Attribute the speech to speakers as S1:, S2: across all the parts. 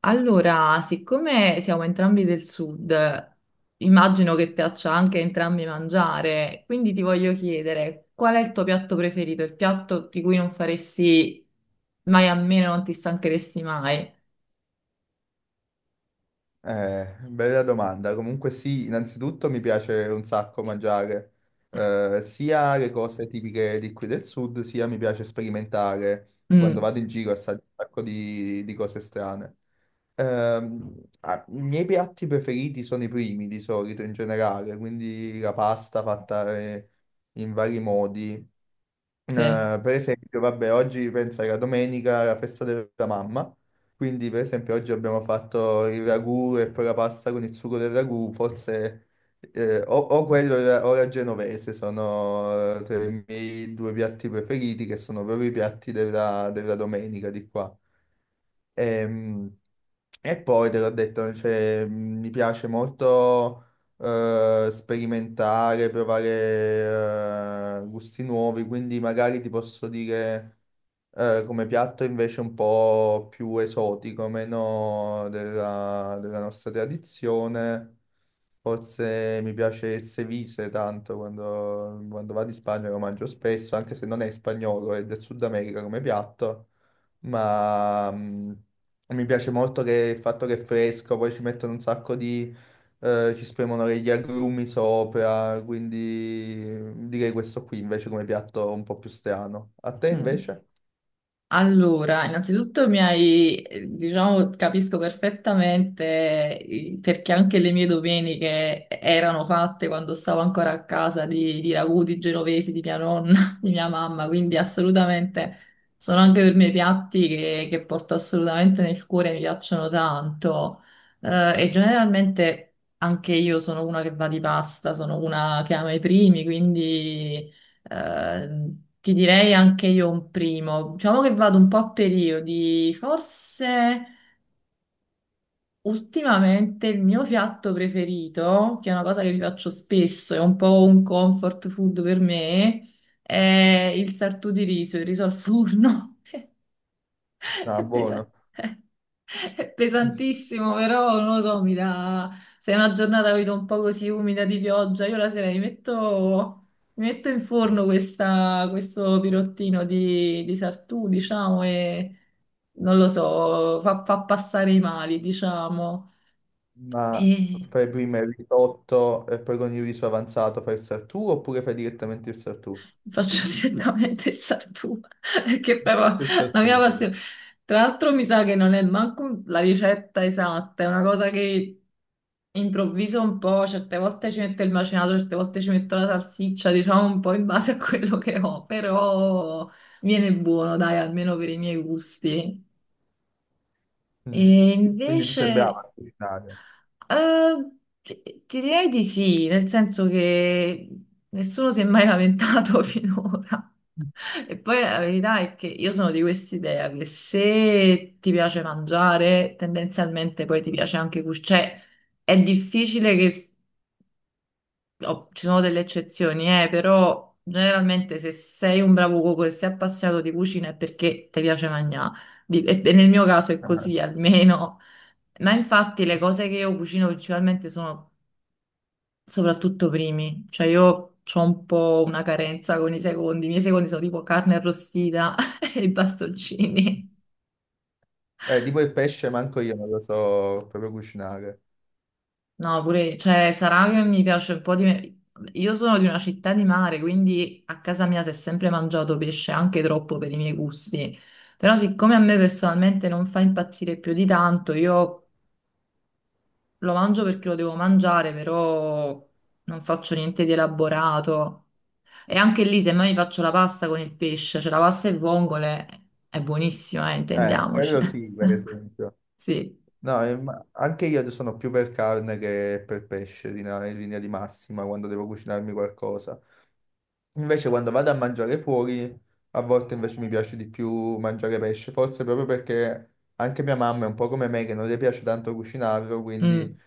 S1: Allora, siccome siamo entrambi del sud, immagino che piaccia anche a entrambi mangiare, quindi ti voglio chiedere qual è il tuo piatto preferito, il piatto di cui non faresti mai a meno, non ti stancheresti mai.
S2: Bella domanda. Comunque sì, innanzitutto mi piace un sacco mangiare sia le cose tipiche di qui del sud, sia mi piace sperimentare quando
S1: Mm,
S2: vado in giro assaggio un sacco di cose strane. I miei piatti preferiti sono i primi di solito in generale, quindi la pasta fatta in vari modi. Eh,
S1: sì.
S2: per esempio, vabbè, oggi pensa che la domenica è la festa della mamma, quindi per esempio oggi abbiamo fatto il ragù e poi la pasta con il sugo del ragù, forse o
S1: Mm.
S2: quello o la genovese sono tra i miei due piatti preferiti che sono proprio i piatti della domenica di qua. Ehm, E poi te l'ho detto, cioè, mi piace molto sperimentare, provare gusti nuovi, quindi magari ti posso dire come piatto invece un po' più esotico, meno della nostra tradizione. Forse mi piace il ceviche tanto quando vado in Spagna lo mangio spesso, anche se non è spagnolo, è del Sud America come piatto, ma mi piace molto che il fatto che è fresco, poi ci mettono un sacco ci spremono gli agrumi sopra, quindi direi questo qui invece come piatto un po' più strano. A te
S1: Mm.
S2: invece?
S1: Allora, innanzitutto mi hai, diciamo, capisco perfettamente perché anche le mie domeniche erano fatte quando stavo ancora a casa di ragù, di genovesi, di mia nonna, di mia mamma, quindi assolutamente sono anche per me piatti che porto assolutamente nel cuore, mi piacciono tanto. E generalmente anche io sono una che va di pasta, sono una che ama i primi, quindi... Eh, ti direi anche io un primo. Diciamo che vado un po' a periodi. Forse ultimamente il mio piatto preferito, che è una cosa che vi faccio spesso, è un po' un comfort food per me, è il sartù di riso, il riso al forno.
S2: Ah,
S1: È pesa-
S2: buono.
S1: è pesantissimo, però non lo so, mi dà... Se è una giornata vedo un po' così umida di pioggia, io la sera mi metto in forno questa- questo pirottino di Sartù, diciamo, e non lo so, fa, fa passare i mali, diciamo.
S2: Ma
S1: E
S2: fai prima il risotto e poi con il riso avanzato fai il sartù oppure fai direttamente il sartù?
S1: faccio direttamente il Sartù, perché proprio
S2: Il
S1: la mia
S2: sartù, vabbè.
S1: passione... Tra l'altro mi sa che non è manco la ricetta esatta, è una cosa che improvviso un po', certe volte ci metto il macinato, certe volte ci metto la salsiccia, diciamo un po' in base a quello che ho, però viene buono, dai, almeno per i miei gusti. E
S2: Mm. Quindi tu sei brava
S1: invece,
S2: a cucinare.
S1: eh, ti direi di sì, nel senso che nessuno si è mai lamentato finora. E poi la verità è che io sono di quest'idea che se ti piace mangiare, tendenzialmente poi ti piace anche cucinare. Cioè, è difficile che oh, ci sono delle eccezioni, però generalmente se sei un bravo cuoco e sei appassionato di cucina è perché ti piace mangiare. Di- E nel mio caso è
S2: Ah.
S1: così almeno. Ma infatti le cose che io cucino principalmente sono soprattutto primi. Cioè io ho un po' una carenza con i secondi. I miei secondi sono tipo carne arrostita e i bastoncini.
S2: Tipo il pesce, manco io non lo so proprio cucinare.
S1: No, pure, cioè, sarà che mi piace un po' di... me- Io sono di una città di mare, quindi a casa mia si è sempre mangiato pesce, anche troppo per i miei gusti. Però siccome a me personalmente non fa impazzire più di tanto, io lo mangio perché lo devo mangiare, però non faccio niente di elaborato. E anche lì, se mai mi faccio la pasta con il pesce, cioè la pasta e vongole, è buonissima, intendiamoci.
S2: Quello sì, per esempio.
S1: Sì.
S2: No, ma anche io sono più per carne che per pesce in linea di massima quando devo cucinarmi qualcosa. Invece quando vado a mangiare fuori, a volte invece mi piace di più mangiare pesce, forse proprio perché anche mia mamma è un po' come me che non le piace tanto cucinarlo,
S1: Mm.
S2: quindi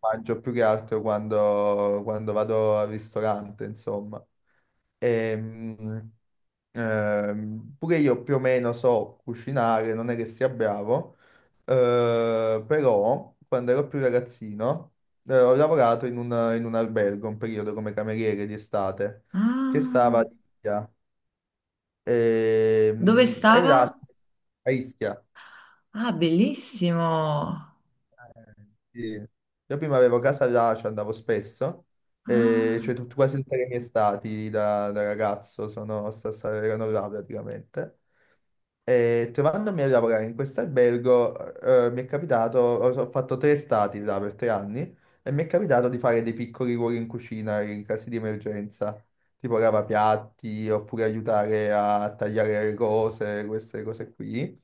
S2: mangio più che altro quando vado al ristorante, insomma. Ehm, Pure io più o meno so cucinare, non è che sia bravo, però quando ero più ragazzino ho lavorato in un albergo un periodo come cameriere di estate che
S1: Ah,
S2: stava a Ischia.
S1: dove
S2: E là
S1: stava?
S2: a Ischia.
S1: Ah, bellissimo.
S2: Sì. Io prima avevo casa là, ci andavo spesso, e
S1: Ah,
S2: cioè quasi tutte le mie estati da ragazzo erano là praticamente. E trovandomi a lavorare in questo albergo, mi è capitato, ho fatto tre stati là per 3 anni, e mi è capitato di fare dei piccoli ruoli in cucina in casi di emergenza, tipo lavapiatti, oppure aiutare a tagliare le cose, queste cose qui.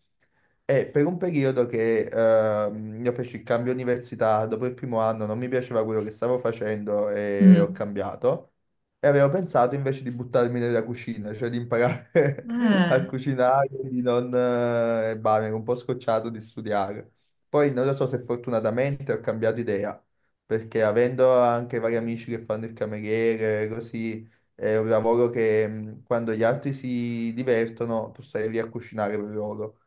S2: E per un periodo che io feci il cambio università, dopo il primo anno non mi piaceva quello che stavo facendo e ho
S1: mm.
S2: cambiato. E avevo pensato invece di buttarmi nella cucina, cioè di imparare a
S1: Eh,
S2: cucinare, di non. E bah, mi ero un po' scocciato di studiare. Poi non lo so se fortunatamente ho cambiato idea, perché avendo anche vari amici che fanno il cameriere, così, è un lavoro che, quando gli altri si divertono, tu stai lì a cucinare per loro.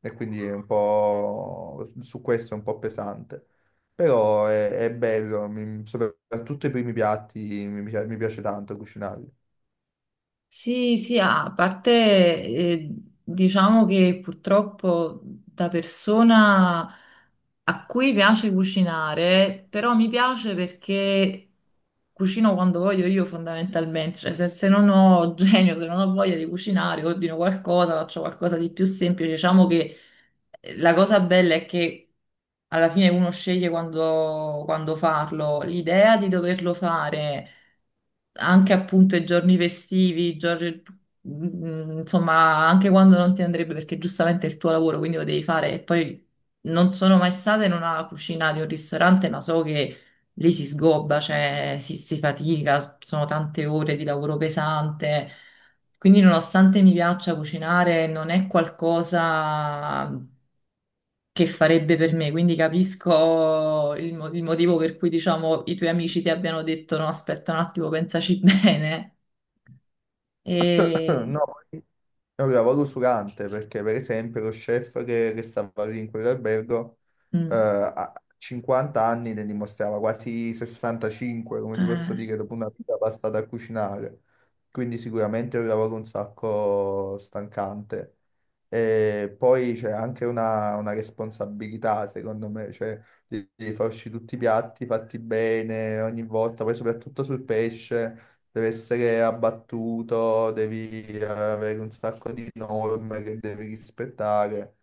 S2: E quindi è un po' su questo, è un po' pesante. Però è bello, mi, soprattutto i primi piatti mi piace tanto cucinarli.
S1: sì, sì, ah, a parte eh, diciamo che purtroppo da persona a cui piace cucinare, però mi piace perché cucino quando voglio io fondamentalmente, cioè se, se non ho genio, se non ho voglia di cucinare, ordino qualcosa, faccio qualcosa di più semplice, diciamo che la cosa bella è che alla fine uno sceglie quando, quando farlo. L'idea di doverlo fare anche appunto i giorni festivi, i giorni- mm, insomma, anche quando non ti andrebbe perché giustamente è il tuo lavoro, quindi lo devi fare. E poi non sono mai stata in una cucina di un ristorante, ma so che lì si sgobba, cioè si fatica, sono tante ore di lavoro pesante. Quindi nonostante mi piaccia cucinare, non è qualcosa che farebbe per me, quindi capisco il, mo- il motivo per cui, diciamo, i tuoi amici ti abbiano detto no, aspetta un attimo, pensaci bene. E...
S2: No, è un lavoro usurante perché, per esempio, lo chef che stava lì in quell'albergo
S1: mm,
S2: a 50 anni ne dimostrava quasi 65, come ti posso
S1: eh,
S2: dire, dopo una vita passata a cucinare. Quindi sicuramente è un lavoro un sacco stancante. E poi c'è anche una responsabilità, secondo me, cioè di far uscire tutti i piatti fatti bene ogni volta, poi soprattutto sul pesce deve essere abbattuto, devi avere un sacco di norme che devi rispettare.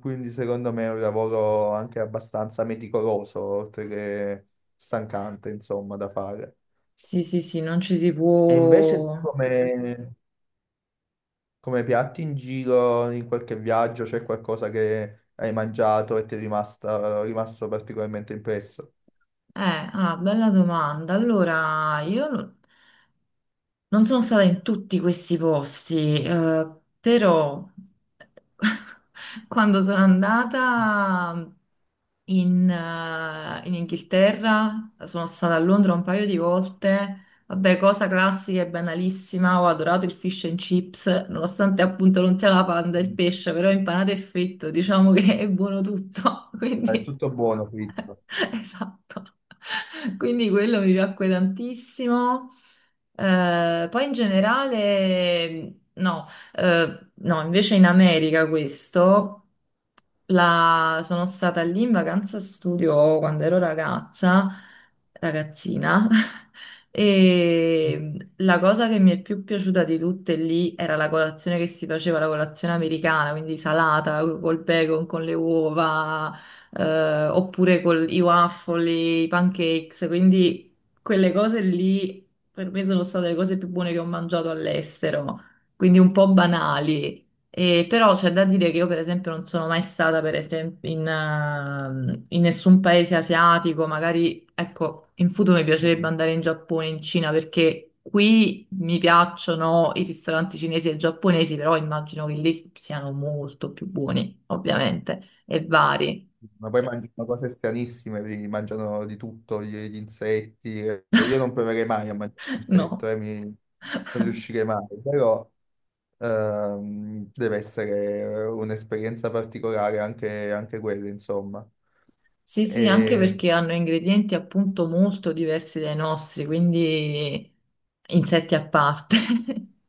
S2: Quindi secondo me è un lavoro anche abbastanza meticoloso, oltre che stancante, insomma, da fare.
S1: sì, sì, sì, non ci si
S2: E invece tu
S1: può...
S2: come, come piatti in giro, in qualche viaggio, c'è qualcosa che hai mangiato e ti è rimasto particolarmente impresso?
S1: Ah, bella domanda. Allora, io no- non sono stata in tutti questi posti, però quando sono andata... in, in Inghilterra, sono stata a Londra un paio di volte. Vabbè, cosa classica e banalissima, ho adorato il fish and chips, nonostante appunto non sia la panda il
S2: Mm.
S1: pesce, però impanato e fritto, diciamo che è buono tutto,
S2: È
S1: quindi
S2: tutto buono, fritto.
S1: esatto. Quindi quello mi piacque tantissimo. Poi in generale, no, no, invece in America questo. La- Sono stata lì in vacanza studio quando ero ragazza, ragazzina, e la cosa che mi è più piaciuta di tutte lì era la colazione che si faceva, la colazione americana, quindi salata col bacon, con le uova, oppure con i waffle, i pancakes, quindi quelle cose lì per me sono state le cose più buone che ho mangiato all'estero, quindi un po' banali. E però c'è da dire che io, per esempio, non sono mai stata, per esempio, in, in nessun paese asiatico. Magari, ecco, in futuro mi piacerebbe andare in Giappone, in Cina, perché qui mi piacciono i ristoranti cinesi e giapponesi, però immagino che lì siano molto più buoni, ovviamente, e vari,
S2: Ma poi mangiano cose stranissime, mangiano di tutto, gli insetti. Io non proverei mai a mangiare un insetto,
S1: no?
S2: non riuscirei mai, però deve essere un'esperienza particolare anche quella, insomma.
S1: Sì, sì, anche
S2: E.
S1: perché hanno ingredienti appunto molto diversi dai nostri, quindi insetti a parte.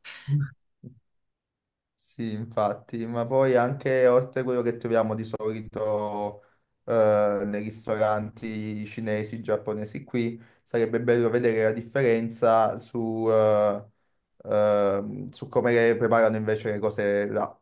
S2: Sì, infatti, ma poi anche oltre a quello che troviamo di solito nei ristoranti cinesi, giapponesi qui, sarebbe bello vedere la differenza su come le preparano invece le cose là.